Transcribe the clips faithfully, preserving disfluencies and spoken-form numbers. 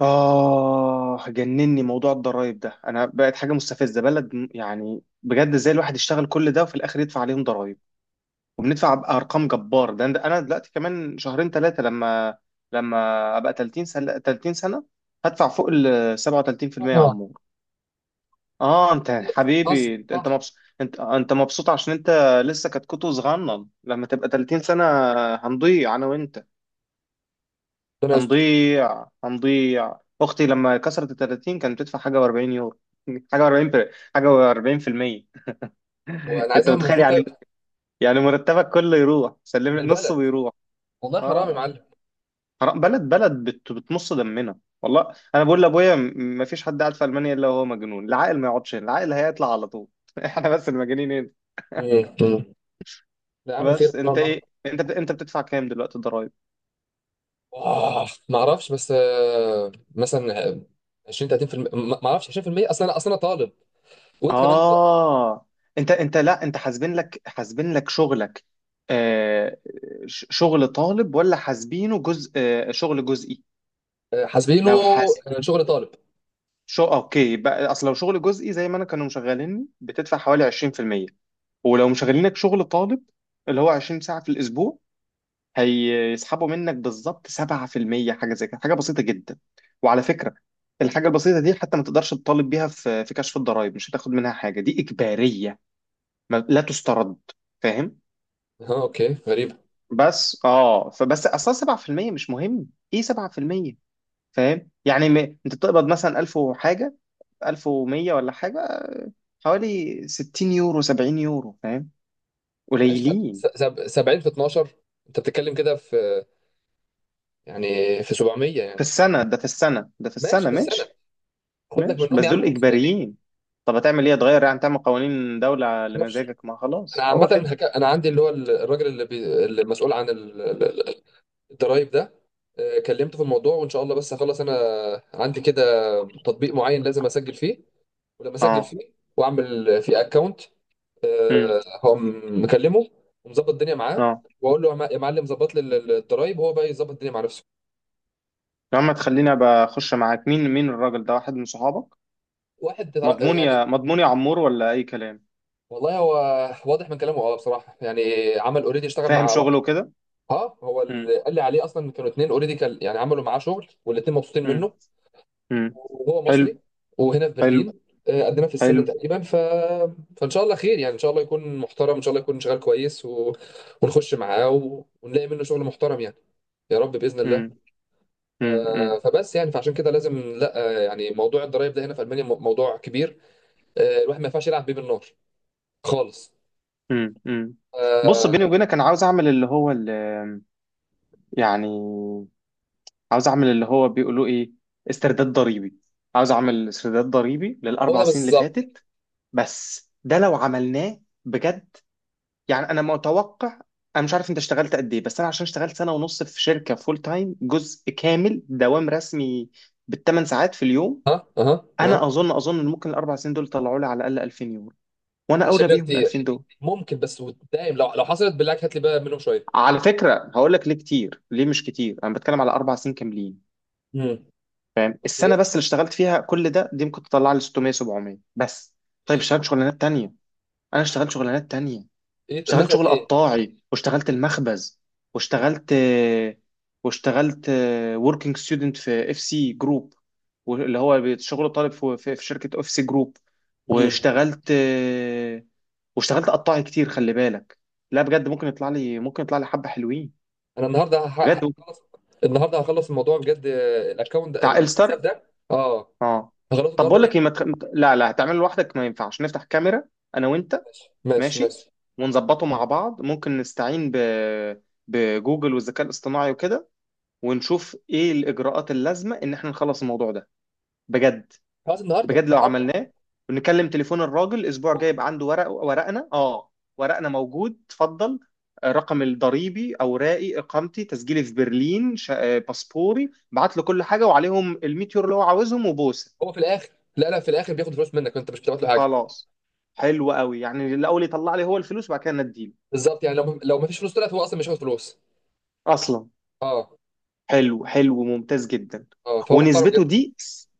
آه، جنني موضوع الضرايب ده. أنا بقت حاجة مستفزة، بلد م- يعني بجد، إزاي الواحد يشتغل كل ده وفي الآخر يدفع عليهم ضرايب وبندفع بأرقام جبار؟ ده ده أنا دلوقتي كمان شهرين ثلاثة لما لما أبقى ثلاثين سنة، ثلاثين سنة هدفع فوق ال سبعة وثلاثين في المية يا طبعا. عمور. آه، أنت حبيبي، قصدي أنت أنت صح. مبسوط، أنت أنت مبسوط عشان أنت لسه كتكوت صغنن. لما تبقى ثلاثين سنة هنضيع أنا وأنت. ربنا يستر. هنضيع هنضيع. اختي لما كسرت ال ثلاثين كانت بتدفع حاجه و40 يورو، حاجه و40، حاجه و40%. هو انا انت عايزها متخيل منفوطه يعني؟ يعني مرتبك كله يروح، سلم لي نصه للبلد. ويروح. والله حرام يا اه، معلم. حرام، بلد بلد بت... بتمص دمنا. والله انا بقول لابويا م- ما فيش حد قاعد في المانيا الا وهو مجنون. العاقل ما يقعدش هنا، العاقل هيطلع على طول. احنا بس المجانين هنا. مم. مم. لا يا عم، خير بس ان شاء انت الله. ايه، انت بت... انت بتدفع كام دلوقتي ضرايب؟ آه، ما اعرفش، بس آه، مثلا آه، عشرين ثلاثين بالمية، ما ما اعرفش عشرين بالمية. اصلا انا اصلا انا طالب، وانت كمان ط- اه، انت انت لا، انت حاسبين لك حاسبين لك شغلك، آه، ش- شغل طالب ولا حاسبينه جزء، آه شغل جزئي؟ آه، حاسبينه. لو حاسب آه، شغل طالب. شو، اوكي بقى، اصل لو شغل جزئي زي ما انا كانوا مشغليني بتدفع حوالي عشرين في المية، ولو مشغلينك شغل طالب اللي هو عشرين ساعة في الاسبوع هيسحبوا منك بالظبط سبعة في المية، حاجة زي كده، حاجة بسيطة جدا. وعلى فكرة، الحاجة البسيطة دي حتى ما تقدرش تطالب بيها في في كشف الضرائب، مش هتاخد منها حاجة، دي إجبارية، ما- لا تسترد. فاهم؟ اه، اوكي، غريبه. بس اه فبس اصلا سبعة في المية مش مهم، ايه سبعة في المية؟ فاهم؟ يعني م... انت بتقبض مثلا ألف وحاجه، ألف ومية ولا حاجه، حوالي ستين يورو، سبعين يورو، فاهم؟ ماشي. قليلين. س- سب- سبعين في اتناشر، انت بتتكلم كده في، يعني في سبعمية في يعني؟ السنه ده، في السنه ده، في ماشي، السنه، في السنه ماشي. خد لك ماشي منهم بس يا عم دول خمسمية. اجباريين. طب هتعمل ايه، هتغير يعني، تعمل قوانين دوله لمزاجك؟ ما انا خلاص هو عامه كده. هك... انا عندي اللي هو الراجل اللي, بي... اللي مسؤول عن ال- ال- ال- الضرايب ده. آه، كلمته في الموضوع وان شاء الله، بس هخلص انا عندي كده تطبيق معين لازم اسجل فيه، ولما اسجل اه. فيه واعمل فيه اكونت امم. هقوم مكلمه ومظبط الدنيا معاه، اه. واقول له يا مع- يا معلم ظبط لي ال- ال- الضرايب، وهو بقى يظبط الدنيا مع نفسه. يا عم تخليني ابقى اخش معاك. مين مين الراجل ده، واحد من صحابك؟ واحد تتع- مضمون يا يعني، مضمون يا عمور ولا اي كلام؟ والله هو واضح من كلامه، اه بصراحه يعني. عمل اوريدي، اشتغل مع فاهم واحد. شغله كده. اه، هو مم. اللي قال لي عليه اصلا، كانوا اتنين اوريدي كان يعني عملوا معاه شغل والاتنين مبسوطين مم. منه. مم. وهو مصري حلو، وهنا في حلو، برلين. آه، قدنا في السن حلو. تقريبا. ف... فان شاء الله خير يعني، ان شاء الله يكون محترم، ان شاء الله يكون شغال كويس، و... ونخش معاه و... ونلاقي منه شغل محترم يعني. يا رب باذن مم. الله. ف... مم. مم. فبس يعني، فعشان كده لازم لا، آه، يعني موضوع الضرايب ده هنا في المانيا م- موضوع كبير. آه، الواحد ما ينفعش يلعب بيه بالنار خالص. مم. مم. بص، بيني آه، وبينك انا عاوز اعمل اللي هو اللي، يعني، عاوز اعمل اللي هو بيقولوا ايه، استرداد ضريبي. عاوز اعمل استرداد ضريبي هو للاربع ده سنين اللي بالظبط. فاتت. بس ده لو عملناه بجد، يعني انا متوقع، انا مش عارف انت اشتغلت قد ايه، بس انا عشان اشتغلت سنه ونص في شركه فول تايم، جزء كامل، دوام رسمي بالثمان ساعات في اليوم، ها اها انا اها اظن اظن ان ممكن الاربع سنين دول طلعوا لي على الاقل ألفين يورو. وانا انا شايف اولى إنها بيهم ال كتير. ألفين دول. ممكن، بس ودايم، لو لو حصلت بالله عليك هات لي بقى منهم شويه. على فكره هقول لك ليه كتير ليه مش كتير. انا بتكلم على اربع سنين كاملين. امم، اوكي. السنه بس اللي اشتغلت فيها كل ده، دي ممكن تطلع لي ستة مية، سبعمية بس. طيب اشتغلت شغلانات تانية، انا اشتغلت شغلانات تانية. ايه اشتغلت مثلا؟ شغل قطاعي، واشتغلت المخبز، واشتغلت واشتغلت وركينج ستودنت في اف سي جروب، اللي هو شغل طالب في في- في شركه اف سي جروب. ايه. واشتغلت واشتغلت قطاعي كتير، خلي بالك. لا بجد ممكن يطلع لي، ممكن يطلع لي حبه حلوين. انا النهارده هح- بجد ممكن. هخلص النهارده، هخلص الموضوع بجد. آه، الاكونت ده، بتاع الحساب الستر. ده. اه، اه. هخلصه طب النهارده بقول لك ايه، ليه. ما تخ... ما ت- لا لا، هتعمله لوحدك؟ ما ينفعش نفتح كاميرا انا وانت. ماشي ماشي ماشي. ماشي ونظبطه مع بعض، ممكن نستعين ب... بجوجل والذكاء الاصطناعي وكده، ونشوف ايه الاجراءات اللازمه ان احنا نخلص الموضوع ده، بجد. خلاص، النهارده بجد لو النهارده عملناه ونكلم تليفون الراجل، اسبوع جاي بكره. يبقى عنده ورق، ورقنا. اه، ورقنا موجود اتفضل، آه، رقم الضريبي، اوراقي، اقامتي، تسجيلي في برلين، شا- آه، باسبوري، بعت له كل حاجه وعليهم الميتيور اللي هو عاوزهم وبوسه. هو في الاخر، لا لا في الاخر بياخد فلوس منك، انت مش بتبعت له حاجه. خلاص. حلو قوي، يعني الاول يطلع لي هو الفلوس وبعد كده نديله. بالظبط، يعني لو لو ما فيش فلوس طلعت هو اصلا مش هياخد فلوس. اصلا. اه. حلو، حلو، ممتاز جدا. اه، فهو محترم ونسبته جدا. دي،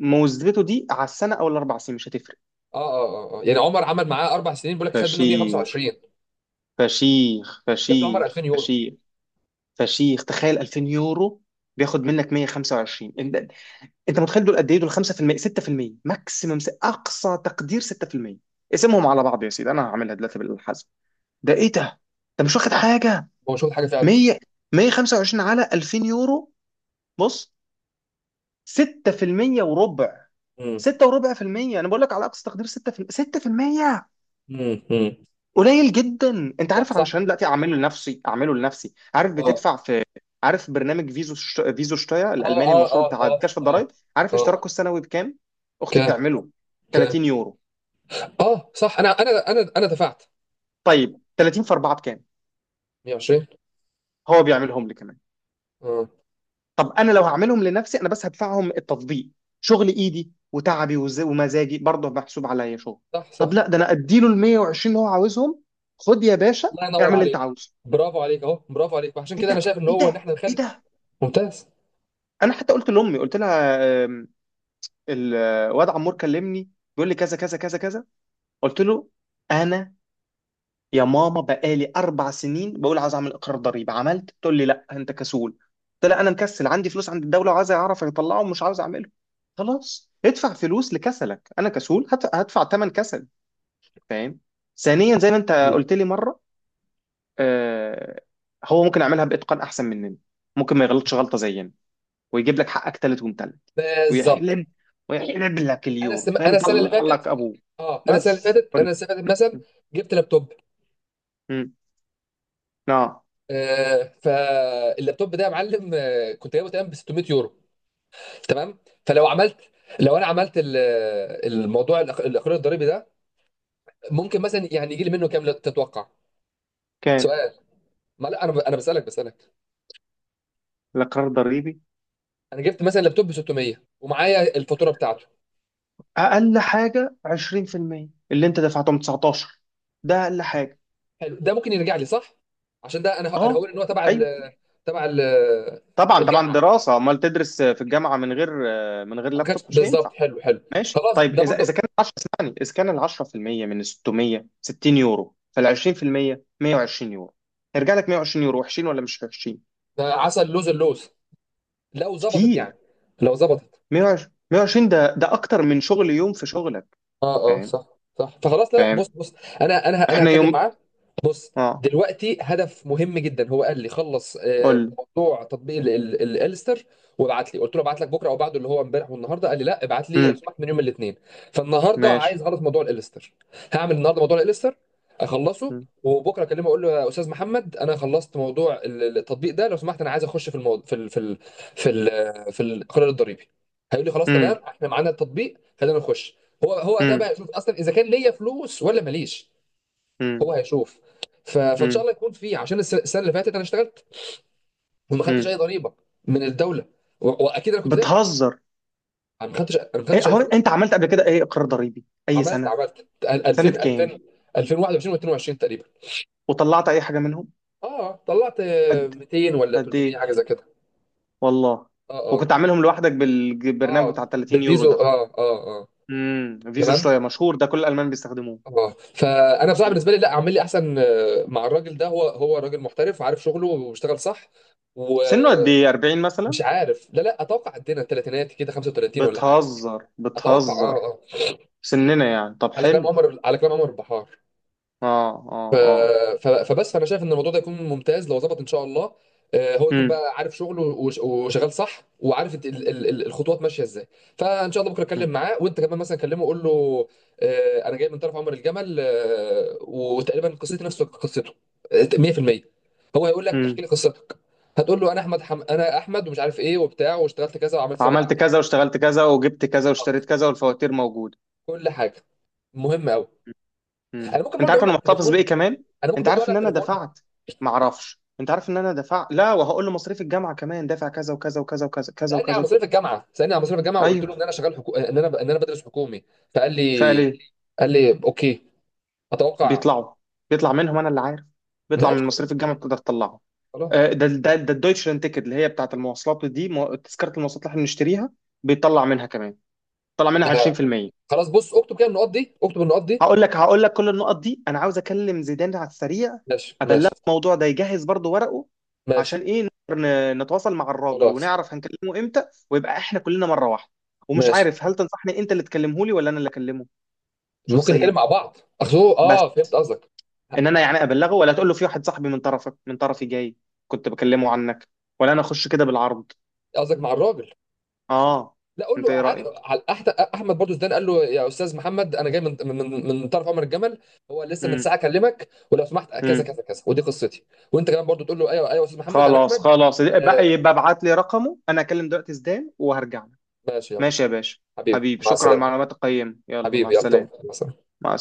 نسبته دي على السنه او الاربع سنين مش هتفرق. اه اه اه آه. يعني عمر عمل معاه اربع سنين، بيقول لك خد منه فشيخ، مية وخمسة وعشرين. فشيخ، جاب له عمر فشيخ، ألفين يورو. فشيخ، فشيخ. تخيل ألفين يورو بياخد منك مية وخمسة وعشرين. انت انت متخيل دول قد ايه؟ دول خمسة في المية، ستة في المية ماكسيمم، اقصى تقدير ستة في المية. اقسمهم على بعض يا سيدي، انا هعملها دلوقتي بالحسب. ده ايه ده، ده مش واخد حاجه. هو مش واخد حاجه فعلا. مية، مية وخمسة وعشرين على ألفين يورو. بص، ستة في المية وربع. امم. ستة وربع في المية، انا بقول لك على اقصى تقدير ستة في المية، ستة في المية. امم قليل جدا. انت صح عارف، علشان صح دلوقتي اعمله لنفسي، اعمله لنفسي. عارف اه بتدفع في؟ عارف برنامج فيزو شت... فيزو شتايا اه الالماني اه المشهور اه بتاع اه كشف الضرائب؟ عارف اه اشتراكه السنوي بكام؟ اختي ك بتعمله ك ثلاثين يورو. اه صح، انا انا انا انا دفعت طيب ثلاثين في اربعة بكام؟ مية وعشرين. هو بيعملهم لي كمان. اه، طب انا لو هعملهم لنفسي انا، بس هدفعهم التطبيق، شغل ايدي وتعبي وز... ومزاجي برضه محسوب عليا شغل. صح صح. طب لا، ده انا اديله ال مية وعشرين اللي هو عاوزهم. خد يا باشا، الله ينور اعمل اللي انت عليك. عاوزه. برافو عليك، اهو برافو عليك. وعشان ايه كده ده، انا شايف ان ايه هو، ان ده، احنا ايه نخلي. ده؟ ممتاز. انا حتى قلت لامي، قلت لها الواد عمور كلمني بيقول لي كذا كذا كذا كذا، قلت له انا، يا ماما بقالي اربع سنين بقول عايز اعمل اقرار ضريبي عملت، تقول لي لا انت كسول. قلت لها انا مكسل، عندي فلوس عند الدوله وعايز اعرف اطلعه ومش عاوز اعمله. خلاص ادفع فلوس لكسلك، انا كسول هت- هدفع ثمن كسل. فاهم؟ ثانيا، زي ما انت مم. قلت لي مره، آه، هو ممكن يعملها باتقان احسن مننا، ممكن ما يغلطش غلطه زينا ويجيب لك حقك تالت ومتلت. بالظبط. ويحلب، ويحلب لك انا اليورو، السم... فاهم، انا السنه اللي يطلع لك فاتت، ابوه. اه انا السنه اللي بس. فاتت انا السنه اللي فاتت مثلا جبت لابتوب. امم، نعم. آه، فاللابتوب ده يا معلم، آه كنت جايبه تقريبا ب ستمية يورو. تمام. فلو عملت، لو انا عملت ال- الموضوع الأخ- الاخراج الضريبي ده، ممكن مثلا يعني يجي لي منه كام، لا تتوقع. كام سؤال، ما لا انا ب... انا بسالك بسالك. لقرار ضريبي؟ انا جبت مثلا لابتوب ب ستمية ومعايا الفاتوره بتاعته. اقل حاجه عشرين في المية اللي انت دفعتهم تسعتاشر، ده اقل حاجه. حلو، ده ممكن يرجع لي صح؟ عشان ده انا انا اه، هقول ان هو تبع ال، ايوه، تبع ال، طبعا طبعا، الجامعه. دراسه، امال تدرس في الجامعه من غير، من غير ما كانش لابتوب؟ مش بالظبط. هينفع. حلو حلو. ماشي، خلاص، طيب، ده اذا برضو. اذا كان عشرة اسمعني، اذا كان ال عشرة في المية من ستمية، ستين يورو، فال عشرين في المية مية وعشرين يورو. هيرجع لك مية وعشرين يورو، وحشين ولا مش وحشين؟ ده عسل، لوز اللوز، لو ظبطت يعني، كتير. لو ظبطت. مية وعشرين، مية وعشرين ده، ده اكتر من شغل يوم في شغلك. اه اه، فاهم؟ صح صح. فخلاص، لا لا، بص فاهم. بص انا انا انا احنا هتكلم يوم. معاه. بص، اه، دلوقتي هدف مهم جدا، هو قال لي خلص، قول آه، لي. موضوع تطبيق ال- ال- الالستر وابعت لي. قلت له ابعت لك بكره او بعده، اللي هو امبارح والنهارده، قال لي لا ابعت لي لو امم. سمحت من يوم الاثنين. فالنهارده ماشي. عايز اعرف موضوع الالستر. هعمل النهارده موضوع الالستر اخلصه، امم. وبكره اكلمه اقول له يا استاذ محمد، انا خلصت موضوع ال- ال- التطبيق ده، لو سمحت انا عايز اخش في الموضوع، في ال في ال في ال في القرار الضريبي. هيقول لي خلاص امم. تمام، احنا معانا التطبيق، خلينا نخش. هو هو ده امم. بقى يشوف اصلا اذا كان ليا فلوس ولا ماليش. هو هيشوف. ف... فان شاء امم. الله يكون فيه، عشان الس- السنه اللي فاتت انا اشتغلت وما خدتش اي امم. ضريبه من الدوله. و... واكيد انا كنت ده، بتهزر. انا ما خدتش انا ما ايه خدتش اي هو فلوس. انت عملت قبل كده ايه، اقرار ضريبي اي عملت سنه، عملت سنه ألفين كام؟ ألفين ألفين وواحد وعشرين و22 تقريبا. وطلعت اي حاجه منهم؟ اه، طلعت آه، قد، ميتين ولا قد ثلاثمية، ايه؟ حاجه زي كده. والله. اه اه وكنت عاملهم لوحدك بالبرنامج اه بتاع ثلاثين يورو بالبيزو، ده. اه اه اه. امم. فيزو شويه تمام. مشهور ده كل الالمان بيستخدموه. اه. فانا بصراحه مم. بالنسبه لي، لا اعمل لي احسن. آه، مع الراجل ده، هو هو راجل محترف، عارف شغله واشتغل صح. و... سنه قد ايه، أربعين مش مثلا؟ عارف، لا لا اتوقع عندنا الثلاثينات كده، خمسة وثلاثين ولا حاجه. بتهزر، اتوقع، اه بتهزر. اه سننا يعني؟ طب على كلام حلو. عمر، على كلام عمر البحار. اه، ف... اه، اه. ف... فبس انا شايف ان الموضوع ده يكون ممتاز لو ظبط ان شاء الله. آه، هو يكون امم. بقى عارف شغله، وش- وشغال صح، وعارف ال- ال- ال- الخطوات ماشيه ازاي. فان شاء الله بكره اتكلم معاه، وانت كمان مثلا كلمه قول له، آه، انا جاي من طرف عمر الجمل، آه، وتقريبا قصتي نفس قصته، آه، مية بالمية. هو هيقول لك امم. احكي لي قصتك. هتقول له انا احمد، حم... انا احمد ومش عارف ايه وبتاع، واشتغلت كذا وعملت سوا. عملت كذا واشتغلت كذا وجبت كذا واشتريت كذا والفواتير موجوده. كل حاجه. مهم قوي. امم. انا ممكن انت برضو عارف اقول له انا على محتفظ التليفون بايه كمان؟ انا ممكن انت برضو اقول عارف له ان على انا التليفون. دفعت؟ ما اعرفش، انت عارف ان انا دفعت؟ لا، وهقول له مصاريف الجامعه كمان دافع كذا وكذا وكذا وكذا كذا سالني على وكذا. مصاريف الجامعه سالني على مصاريف الجامعه، وقلت ايوه. له ان انا شغال حكو... ان انا ان انا بدرس حكومي. فقال فقال لي، ايه؟ قال لي اوكي. اتوقع. بيطلعوا. بيطلع منهم انا اللي عارف. بيطلع من ماشي، مصاريف الجامعه، بتقدر تطلعه. آه، خلاص ده ده ده الدويتشلاند تيكت اللي هي بتاعت المواصلات دي، مو- تذكره المواصلات اللي احنا بنشتريها، بيطلع منها كمان. طلع منها ده. عشرين في المية. خلاص، بص، اكتب كده النقط دي، اكتب النقط دي. هقول لك، هقول لك كل النقط دي. انا عاوز اكلم زيدان على السريع، ماشي ابلغه ماشي الموضوع ده يجهز برضو ورقه، ماشي عشان ايه، نقدر ن- نتواصل مع الراجل خلاص. ونعرف هنكلمه امتى ويبقى احنا كلنا مره واحده. ومش ماشي. عارف هل تنصحني انت اللي تكلمه لي ولا انا اللي اكلمه ممكن نتكلم شخصيا؟ مع بعض، اخذوه، بس اه فهمت قصدك. ان انا يعني ابلغه، ولا تقول له في واحد صاحبي من طرفك، من طرفي جاي، كنت بكلمه عنك، ولا انا اخش كده بالعرض؟ قصدك مع الراجل؟ اه، لا، قول انت له ايه عادي، رايك؟ على أحد- احمد، برضو زدان قال له يا استاذ محمد، انا جاي من من من طرف عمر الجمل، هو لسه من امم. ساعه اكلمك، ولو سمحت كذا امم. كذا كذا ودي قصتي. وانت كمان برضو تقول له، ايوه ايوه يا استاذ محمد انا خلاص، احمد. خلاص بقى، آه. يبقى ابعت لي رقمه، انا اكلم دلوقتي زيدان وهرجع. ماشي، يلا. ماشي يا باشا. حبيبي، حبيبي مع شكرا على السلامه. المعلومات القيمة، يلا مع حبيبي، يلا تؤمر. السلامة. مع السلامه. مع